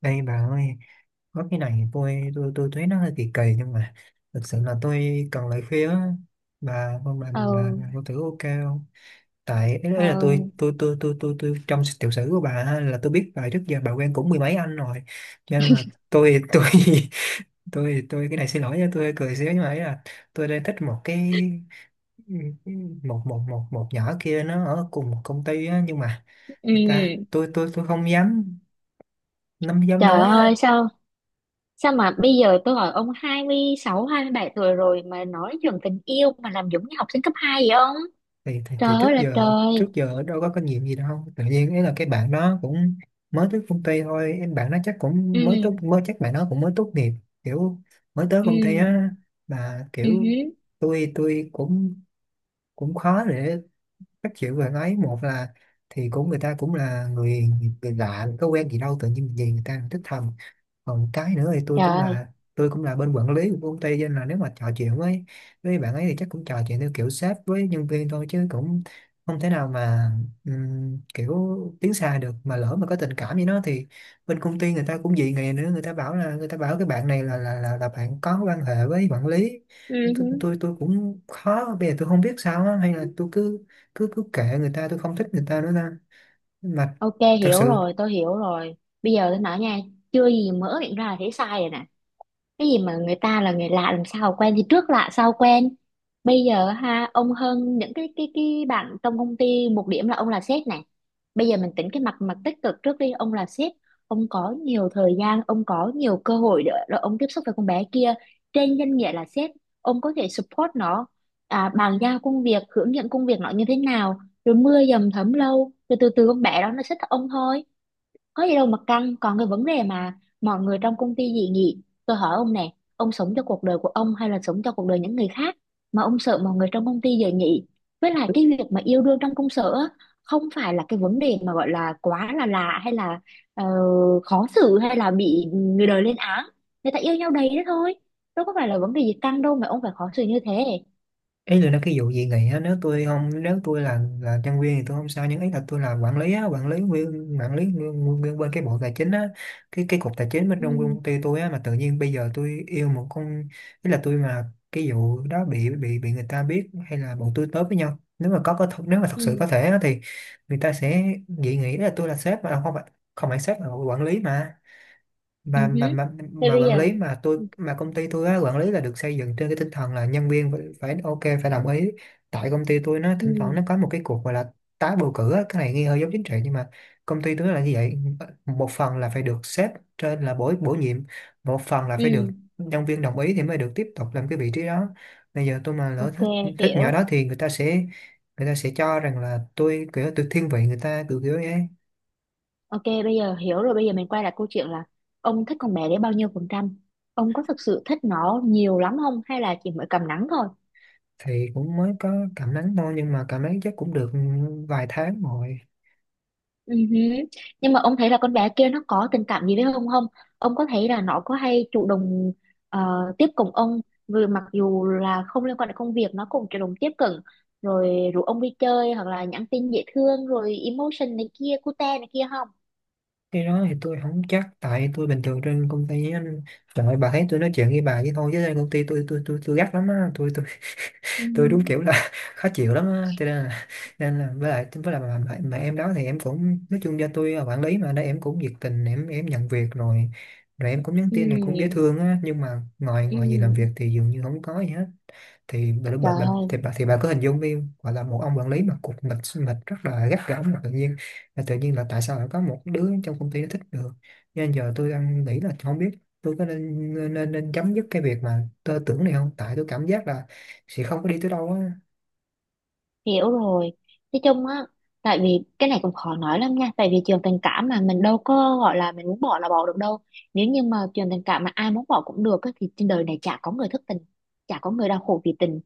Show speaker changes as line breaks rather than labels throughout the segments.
Đây bà ơi, có cái này tôi thấy nó hơi kỳ kỳ nhưng mà thực sự là tôi cần lời khuyên á. bà không bà, bà,
Ừ.
bà có thử ok không? Tại ý là tôi
Ừ.
tôi tôi tôi tôi tôi trong tiểu sử của bà á, là tôi biết bà trước giờ bà quen cũng mười mấy anh rồi, cho nên là tôi tôi cái này xin lỗi nha, tôi hơi cười xíu nhưng mà ý là tôi đang thích một cái một một một một nhỏ kia, nó ở cùng một công ty á nhưng mà người ta,
Ừ.
tôi không dám, không dám
Trời
nói
ơi,
á.
sao sao mà bây giờ tôi hỏi ông hai 26 27 tuổi rồi mà nói chuyện tình yêu mà làm giống như học sinh cấp 2 vậy ông.
thì, thì
Trời
thì trước
ơi là
giờ
trời.
đâu có kinh nghiệm gì đâu, tự nhiên ấy là cái bạn đó cũng mới tới công ty thôi, em bạn nó chắc cũng
Ừ.
mới tốt mới chắc bạn nó cũng mới tốt nghiệp, kiểu mới tới công ty
Ừ.
á, mà
Ừ
kiểu
hứ.
tôi cũng cũng khó để các kiểu về ấy, một là thì cũng người ta cũng là người, lạ có quen gì đâu tự nhiên gì người ta thích thầm. Còn cái nữa thì
Trời.
tôi cũng là bên quản lý của công ty, cho nên là nếu mà trò chuyện với bạn ấy thì chắc cũng trò chuyện theo kiểu sếp với nhân viên thôi chứ cũng không thể nào mà kiểu tiến xa được, mà lỡ mà có tình cảm với nó thì bên công ty người ta cũng dị nghị nữa, người ta bảo là người ta bảo cái bạn này là bạn có quan hệ với quản lý.
Ừ hứ.
Tôi cũng khó, bây giờ tôi không biết sao á, hay là tôi cứ cứ cứ kệ người ta, tôi không thích người ta nữa ta mà,
Ok,
thật
hiểu
sự
rồi, tôi hiểu rồi. Bây giờ tôi nói nha. Chưa gì mở miệng ra là thấy sai rồi nè. Cái gì mà người ta là người lạ, làm sao quen thì trước lạ sau quen. Bây giờ ha, ông hơn những cái bạn trong công ty một điểm là ông là sếp này. Bây giờ mình tính cái mặt mặt tích cực trước đi, ông là sếp. Ông có nhiều thời gian, ông có nhiều cơ hội để ông tiếp xúc với con bé kia. Trên danh nghĩa là sếp, ông có thể support nó, à, bàn giao công việc, hướng dẫn công việc nó như thế nào. Rồi mưa dầm thấm lâu, rồi từ từ con bé đó nó sẽ thích ông thôi. Có gì đâu mà căng. Còn cái vấn đề mà mọi người trong công ty dị nghị, tôi hỏi ông nè, ông sống cho cuộc đời của ông hay là sống cho cuộc đời những người khác? Mà ông sợ mọi người trong công ty dị nghị. Với lại cái việc mà yêu đương trong công sở á, không phải là cái vấn đề mà gọi là quá là lạ hay là ờ, khó xử hay là bị người đời lên án. Người ta yêu nhau đầy đó thôi, đâu có phải là vấn đề gì căng đâu mà ông phải khó xử như thế.
ấy là nó cái vụ gì này á, nếu tôi không, nếu tôi là nhân viên thì tôi không sao, nhưng ấy là tôi là quản lý á, nguyên bên cái bộ tài chính á, cái cục tài chính bên trong
Ừ.
công ty tôi á, mà tự nhiên bây giờ tôi yêu một con, ý là tôi mà cái vụ đó bị người ta biết, hay là bọn tôi tới với nhau, nếu mà nếu mà thật sự
Ừ.
có thể á, thì người ta sẽ dị nghị. Ý là tôi là sếp, mà không phải sếp mà là quản lý, mà
Ừ
mà
hứ.
mà mà
Thế
mà
bây
quản
giờ.
lý mà tôi,
Ừ.
mà công ty tôi á, quản lý là được xây dựng trên cái tinh thần là nhân viên phải ok, phải đồng ý. Tại công ty tôi nó
Ừ.
thỉnh thoảng nó có một cái cuộc gọi là tái bầu cử á, cái này nghe hơi giống chính trị nhưng mà công ty tôi nó là như vậy, một phần là phải được sếp trên là bổ bổ nhiệm, một phần là
Ừ.
phải được nhân viên đồng ý thì mới được tiếp tục làm cái vị trí đó. Bây giờ tôi mà lỡ
ok
thích, nhỏ
hiểu
đó thì người ta sẽ cho rằng là tôi kiểu tôi thiên vị người ta, kiểu kiểu ấy.
Ok, bây giờ hiểu rồi, bây giờ mình quay lại câu chuyện là ông thích con bé đấy bao nhiêu phần trăm? Ông có thực sự thích nó nhiều lắm không hay là chỉ mới cầm nắng thôi?
Thì cũng mới có cảm nắng thôi nhưng mà cảm nắng chắc cũng được vài tháng rồi.
Ừ hứ. Nhưng mà ông thấy là con bé kia nó có tình cảm gì với ông không? Ông có thấy là nó có hay chủ động ờ, tiếp cận ông, vừa mặc dù là không liên quan đến công việc nó cũng chủ động tiếp cận, rồi rủ ông đi chơi hoặc là nhắn tin dễ thương rồi emotion này kia cute này kia không?
Cái đó thì tôi không chắc, tại tôi bình thường trên công ty á, trời ơi, bà thấy tôi nói chuyện với bà vậy thôi chứ trên công ty tôi gắt lắm á,
Ừ
tôi đúng
hứ.
kiểu là khó chịu lắm á, cho nên là nên là với lại mà em đó thì em cũng nói chung cho tôi là quản lý mà, đây em cũng nhiệt tình, em nhận việc rồi, em cũng nhắn
Ừ.
tin là cũng dễ thương á, nhưng mà ngồi
Ừ.
ngồi gì làm việc thì dường như không có gì hết. thì bà,
Trời
bà, bà,
ơi,
thì bà thì bà cứ hình dung đi, gọi là một ông quản lý mà cục mịch mịch rất là gắt gỏng, mà tự nhiên, là tự nhiên là tại sao lại có một đứa trong công ty nó thích được. Nên giờ tôi đang nghĩ là không biết tôi có nên chấm dứt cái việc mà tôi tưởng này không, tại tôi cảm giác là sẽ không có đi tới đâu á.
hiểu rồi. Nói chung á, tại vì cái này cũng khó nói lắm nha, tại vì trường tình cảm mà mình đâu có gọi là mình muốn bỏ là bỏ được đâu. Nếu như mà trường tình cảm mà ai muốn bỏ cũng được á, thì trên đời này chả có người thất tình, chả có người đau khổ vì tình.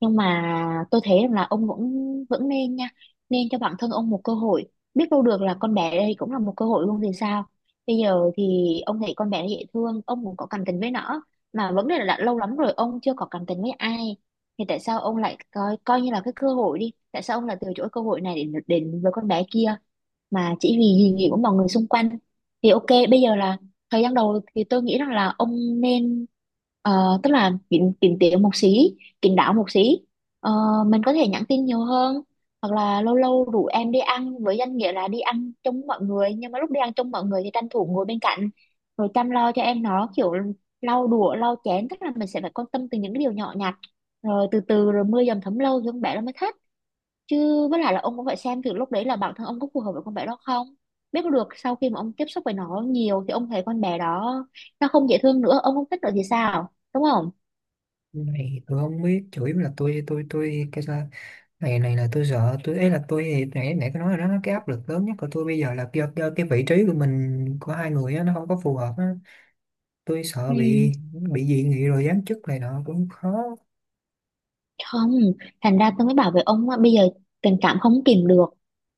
Nhưng mà tôi thấy rằng là ông vẫn vẫn nên nha, nên cho bản thân ông một cơ hội. Biết đâu được là con bé đây cũng là một cơ hội luôn thì sao. Bây giờ thì ông thấy con bé này dễ thương, ông cũng có cảm tình với nó, mà vấn đề là đã lâu lắm rồi ông chưa có cảm tình với ai. Thì tại sao ông lại coi coi như là cái cơ hội đi? Tại sao ông lại từ chối cơ hội này để đến với con bé kia mà chỉ vì kỳ nghỉ của mọi người xung quanh? Thì ok, bây giờ là thời gian đầu thì tôi nghĩ rằng là ông nên tức là kín kín tiếng một xí, kín đáo một xí. Ờ, mình có thể nhắn tin nhiều hơn, hoặc là lâu lâu rủ em đi ăn với danh nghĩa là đi ăn chung mọi người, nhưng mà lúc đi ăn chung mọi người thì tranh thủ ngồi bên cạnh, rồi chăm lo cho em nó, kiểu lau đũa lau chén, tức là mình sẽ phải quan tâm từ những cái điều nhỏ nhặt. Rồi từ từ, rồi mưa dầm thấm lâu thì con bé nó mới thích chứ. Với lại là ông cũng phải xem từ lúc đấy là bản thân ông có phù hợp với con bé đó không. Biết được sau khi mà ông tiếp xúc với nó nhiều thì ông thấy con bé đó nó không dễ thương nữa, ông không thích nữa thì sao, đúng không?
Này tôi không biết, chủ yếu là tôi cái sao, này này là tôi sợ tôi, ấy là tôi thì nãy nãy có nói rồi đó, cái áp lực lớn nhất của tôi bây giờ là do cái vị trí của mình, của hai người á, nó không có phù hợp á, tôi sợ
Ừ.
bị, dị nghị rồi giám chức này nọ cũng khó,
Không. Thành ra tôi mới bảo với ông á, bây giờ tình cảm không kìm được,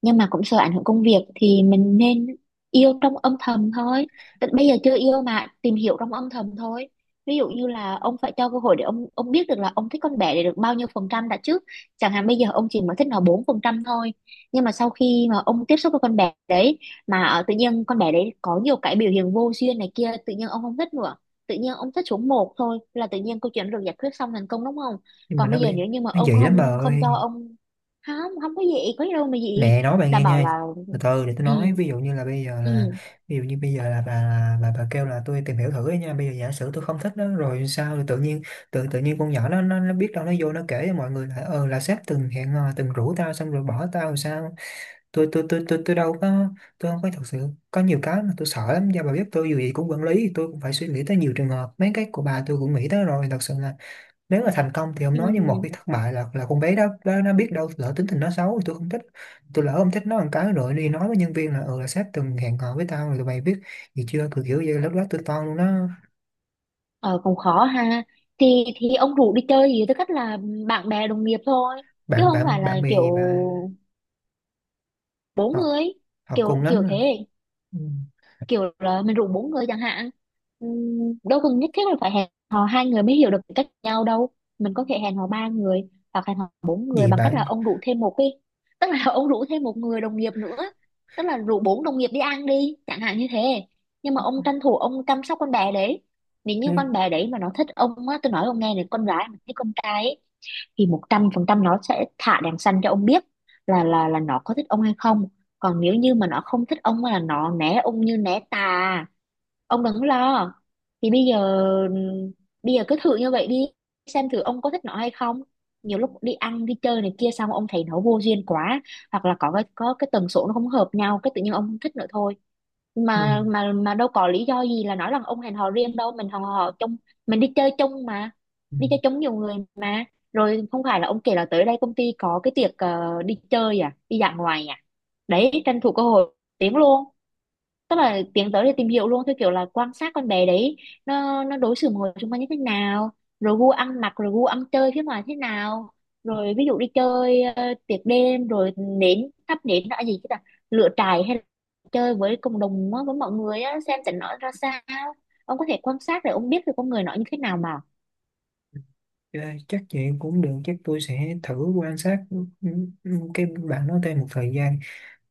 nhưng mà cũng sợ ảnh hưởng công việc thì mình nên yêu trong âm thầm thôi. Tức bây giờ chưa yêu mà tìm hiểu trong âm thầm thôi. Ví dụ như là ông phải cho cơ hội để ông biết được là ông thích con bé để được bao nhiêu phần trăm đã trước, chẳng hạn bây giờ ông chỉ mới thích nó 4% thôi. Nhưng mà sau khi mà ông tiếp xúc với con bé đấy mà tự nhiên con bé đấy có nhiều cái biểu hiện vô duyên này kia, tự nhiên ông không thích nữa, tự nhiên ông thích xuống một thôi, là tự nhiên câu chuyện được giải quyết xong thành công, đúng không?
nhưng mà
Còn
nó
bây
bị
giờ nữa, nhưng mà
nó dị
ông
lắm bà
không không
ơi,
cho ông. Không. Không có gì, có gì đâu mà gì.
nè nói bà
Đã
nghe
bảo
nha,
là.
từ từ để tôi
Ừ.
nói.
Ừ.
Ví dụ như bây giờ là bà kêu là tôi tìm hiểu thử ấy nha, bây giờ giả sử tôi không thích nó rồi sao, rồi tự nhiên tự tự nhiên con nhỏ nó nó biết đâu nó vô nó kể cho mọi người là, ờ, là sếp từng hẹn hò, từng rủ tao xong rồi bỏ tao rồi sao. Tôi đâu có, tôi không có, thật sự có nhiều cái mà tôi sợ lắm, do bà biết tôi dù gì cũng quản lý, tôi cũng phải suy nghĩ tới nhiều trường hợp, mấy cái của bà tôi cũng nghĩ tới rồi, thật sự là nếu mà thành công thì không
Ừ.
nói, nhưng một khi thất bại là con bé đó nó, biết đâu lỡ tính tình nó xấu thì tôi không thích, tôi lỡ không thích nó một cái rồi đi nói với nhân viên là, ừ, là sếp từng hẹn hò với tao rồi tụi mày biết gì chưa, kiểu kiểu như lúc đó tôi toan luôn đó.
Ờ, cũng khó ha. Thì ông rủ đi chơi gì tư cách là bạn bè đồng nghiệp thôi, chứ
bạn
không phải
bạn
là
bạn bè
kiểu
gì mà,
bốn
học
người,
học cùng
kiểu
lắm
kiểu
à.
thế,
Ừ.
kiểu là mình rủ bốn người chẳng hạn. Đâu cần nhất thiết là phải hẹn hò hai người mới hiểu được tính cách nhau đâu. Mình có thể hẹn hò ba người hoặc hẹn hò bốn người
Gì
bằng cách là
bạn.
ông rủ thêm một đi, tức là ông rủ thêm một người đồng nghiệp nữa, tức là rủ bốn đồng nghiệp đi ăn đi chẳng hạn như thế. Nhưng mà ông tranh thủ ông chăm sóc con bé đấy. Nếu như
Ừ.
con bé đấy mà nó thích ông á, tôi nói ông nghe này, con gái mà thích con trai ấy, thì 100% nó sẽ thả đèn xanh cho ông biết là nó có thích ông hay không. Còn nếu như mà nó không thích ông là nó né ông như né tà, ông đừng có lo. Thì bây giờ cứ thử như vậy đi, xem thử ông có thích nó hay không. Nhiều lúc đi ăn đi chơi này kia xong ông thấy nó vô duyên quá, hoặc là có cái tần số nó không hợp nhau cái tự nhiên ông không thích nữa thôi.
Ừ.
Mà đâu có lý do gì là nói rằng ông hẹn hò riêng đâu, mình hẹn hò chung, mình đi chơi chung mà,
Ừ.
đi chơi chung nhiều người mà. Rồi không phải là ông kể là tới đây công ty có cái tiệc đi chơi à đi dã ngoại à, đấy tranh thủ cơ hội tiếng luôn, tức là tiến tới để tìm hiểu luôn theo kiểu là quan sát con bé đấy nó đối xử mọi người xung quanh như thế nào, rồi gu ăn mặc, rồi gu ăn chơi phía ngoài thế nào, rồi ví dụ đi chơi tiệc đêm, rồi nến thắp nến là gì chứ, là lửa trại hay là chơi với cộng đồng á, với mọi người á, xem tình nó ra sao. Ông có thể quan sát để ông biết được con người nó như thế nào mà.
Ờ, chắc vậy cũng được, chắc tôi sẽ thử quan sát, ừ, ừ, cái bạn đó thêm một thời gian,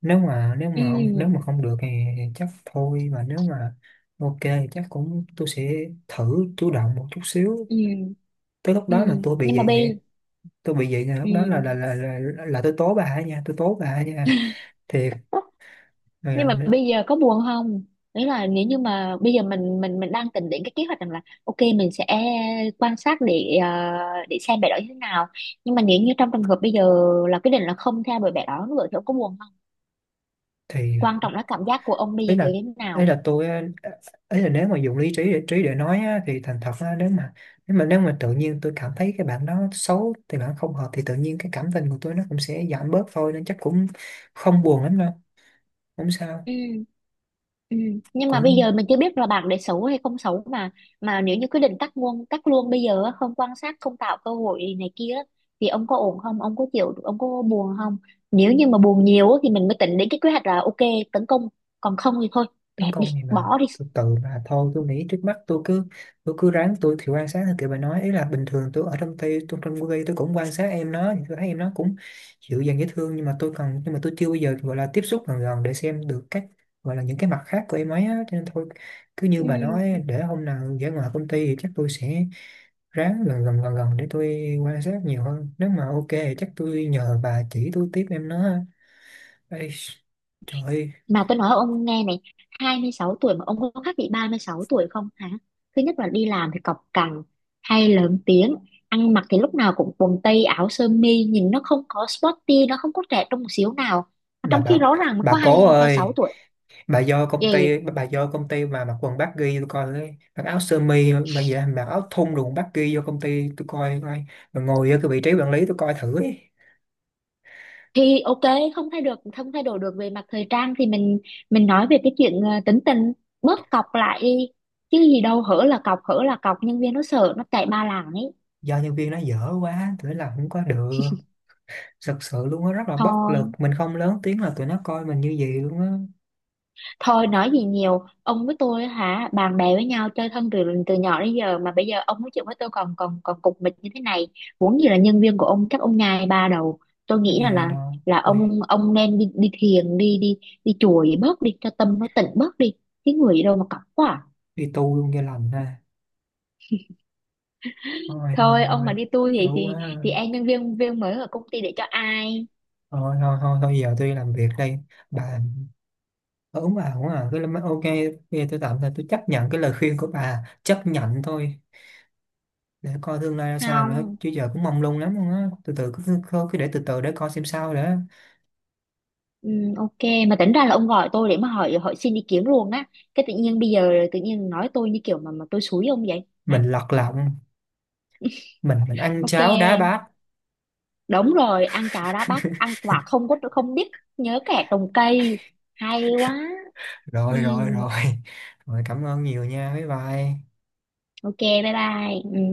nếu
Ừ.
mà không được thì chắc thôi, mà nếu mà ok thì chắc cũng tôi sẽ thử chủ động một chút xíu.
Ừ.
Tới lúc
Ừ.
đó mà tôi bị
nhưng mà
vậy
bi
thì, lúc đó
Ừ,
là tôi tố bà ấy nha, tôi tố bà ấy nha, thiệt mà.
nhưng mà bây giờ có buồn không? Đấy là nếu như mà bây giờ mình đang tính đến cái kế hoạch rằng là ok mình sẽ quan sát để xem bé đó như thế nào, nhưng mà nếu như trong trường hợp bây giờ là quyết định là không theo đuổi bé đó nữa thì ông có buồn không?
Thì
Quan trọng là cảm giác của ông bây
ý
giờ
là
như thế
ý
nào.
là tôi á, ý là nếu mà dùng lý trí để nói á, thì thành thật á, nếu mà nếu mà tự nhiên tôi cảm thấy cái bạn đó xấu, thì bạn không hợp thì tự nhiên cái cảm tình của tôi nó cũng sẽ giảm bớt thôi, nên chắc cũng không buồn lắm đâu, không sao,
Ừ. Ừ. Nhưng mà bây giờ
cũng
mình chưa biết là bạc để xấu hay không xấu mà. Mà nếu như quyết định cắt luôn bây giờ á, không quan sát không tạo cơ hội này kia á, thì ông có ổn không, ông có chịu, ông có buồn không? Nếu như mà buồn nhiều á, thì mình mới tính đến cái kế hoạch là ok, tấn công. Còn không thì thôi,
tấn
dẹp đi,
công gì mà,
bỏ đi.
từ từ mà thôi. Tôi nghĩ trước mắt tôi cứ, ráng tôi thì quan sát theo kiểu bà nói, ý là bình thường tôi ở trong tay tôi trong công ty tôi cũng quan sát em nó, thì tôi thấy em nó cũng dịu dàng dễ thương, nhưng mà tôi chưa bao giờ gọi là tiếp xúc gần gần để xem được các, gọi là những cái mặt khác của em ấy á, cho nên thôi cứ như bà
Ừ.
nói để hôm nào ra ngoài công ty thì chắc tôi sẽ ráng gần gần để tôi quan sát nhiều hơn, nếu mà ok thì chắc tôi nhờ bà chỉ tôi tiếp em nó ha. Ê, trời ơi,
Mà tôi nói ông nghe này, 26 tuổi mà ông có khác bị 36 tuổi không hả? Thứ nhất là đi làm thì cọc cằn, hay lớn tiếng, ăn mặc thì lúc nào cũng quần tây áo sơ mi, nhìn nó không có sporty, nó không có trẻ trung một xíu nào. Mà
bà
trong
bà
khi rõ ràng nó có
bà
2,
cố
26
ơi,
tuổi. Vậy
bà do công ty mà mặc quần baggy tôi coi đấy, mặc áo sơ mi mà gì đó, mặc áo thun đồ baggy vô công ty tôi coi coi mà ngồi ở cái vị trí quản lý tôi coi thử ấy.
thì ok, không thay được, không thay đổi được về mặt thời trang thì mình nói về cái chuyện tính tình, bớt cọc lại đi. Chứ gì đâu, hở là cọc, nhân viên nó sợ, nó chạy ba làng ấy.
Do nhân viên nó dở quá tụi nó làm không có được, thật sự luôn á, rất là bất lực,
Thôi
mình không lớn tiếng là tụi nó coi mình như vậy luôn á,
Thôi nói gì nhiều, ông với tôi á hả, bạn bè với nhau chơi thân từ từ nhỏ đến giờ mà bây giờ ông nói chuyện với tôi còn còn còn cục mịch như thế này, muốn gì là nhân viên của ông chắc ông nhai ba đầu. Tôi
có
nghĩ là
nhài
là
đâu.
là
Ui,
ông nên đi đi thiền, đi đi đi chùa gì bớt đi cho tâm nó tịnh bớt đi. Cái người gì đâu mà cọc quá. À.
đi tu luôn cho lành ha, thôi thôi
Thôi ông mà
thôi,
đi tour vậy
đủ
thì
quá rồi.
thì em nhân viên viên mới ở công ty để cho ai?
Thôi thôi thôi thôi, giờ tôi đi làm việc đây bà. Ờ, đúng à, đúng à, ok, bây giờ tôi tạm thời chấp nhận cái lời khuyên của bà, chấp nhận thôi, để coi tương lai ra sao nữa,
Không.
chứ giờ cũng mong lung lắm luôn á, từ từ cứ để từ từ để coi xem sao nữa,
Ừ, ok. Mà tính ra là ông gọi tôi để mà hỏi hỏi xin ý kiến luôn á, cái tự nhiên bây giờ tự nhiên nói tôi như kiểu mà tôi xúi ông vậy.
mình lật lọng, mình ăn
Ok,
cháo đá bát,
đúng rồi, ăn cháo đá bát, ăn quả không có không biết nhớ kẻ trồng cây. Hay quá. Ừ,
rồi rồi rồi, rồi cảm ơn nhiều nha, bye bye.
ok, bye bye.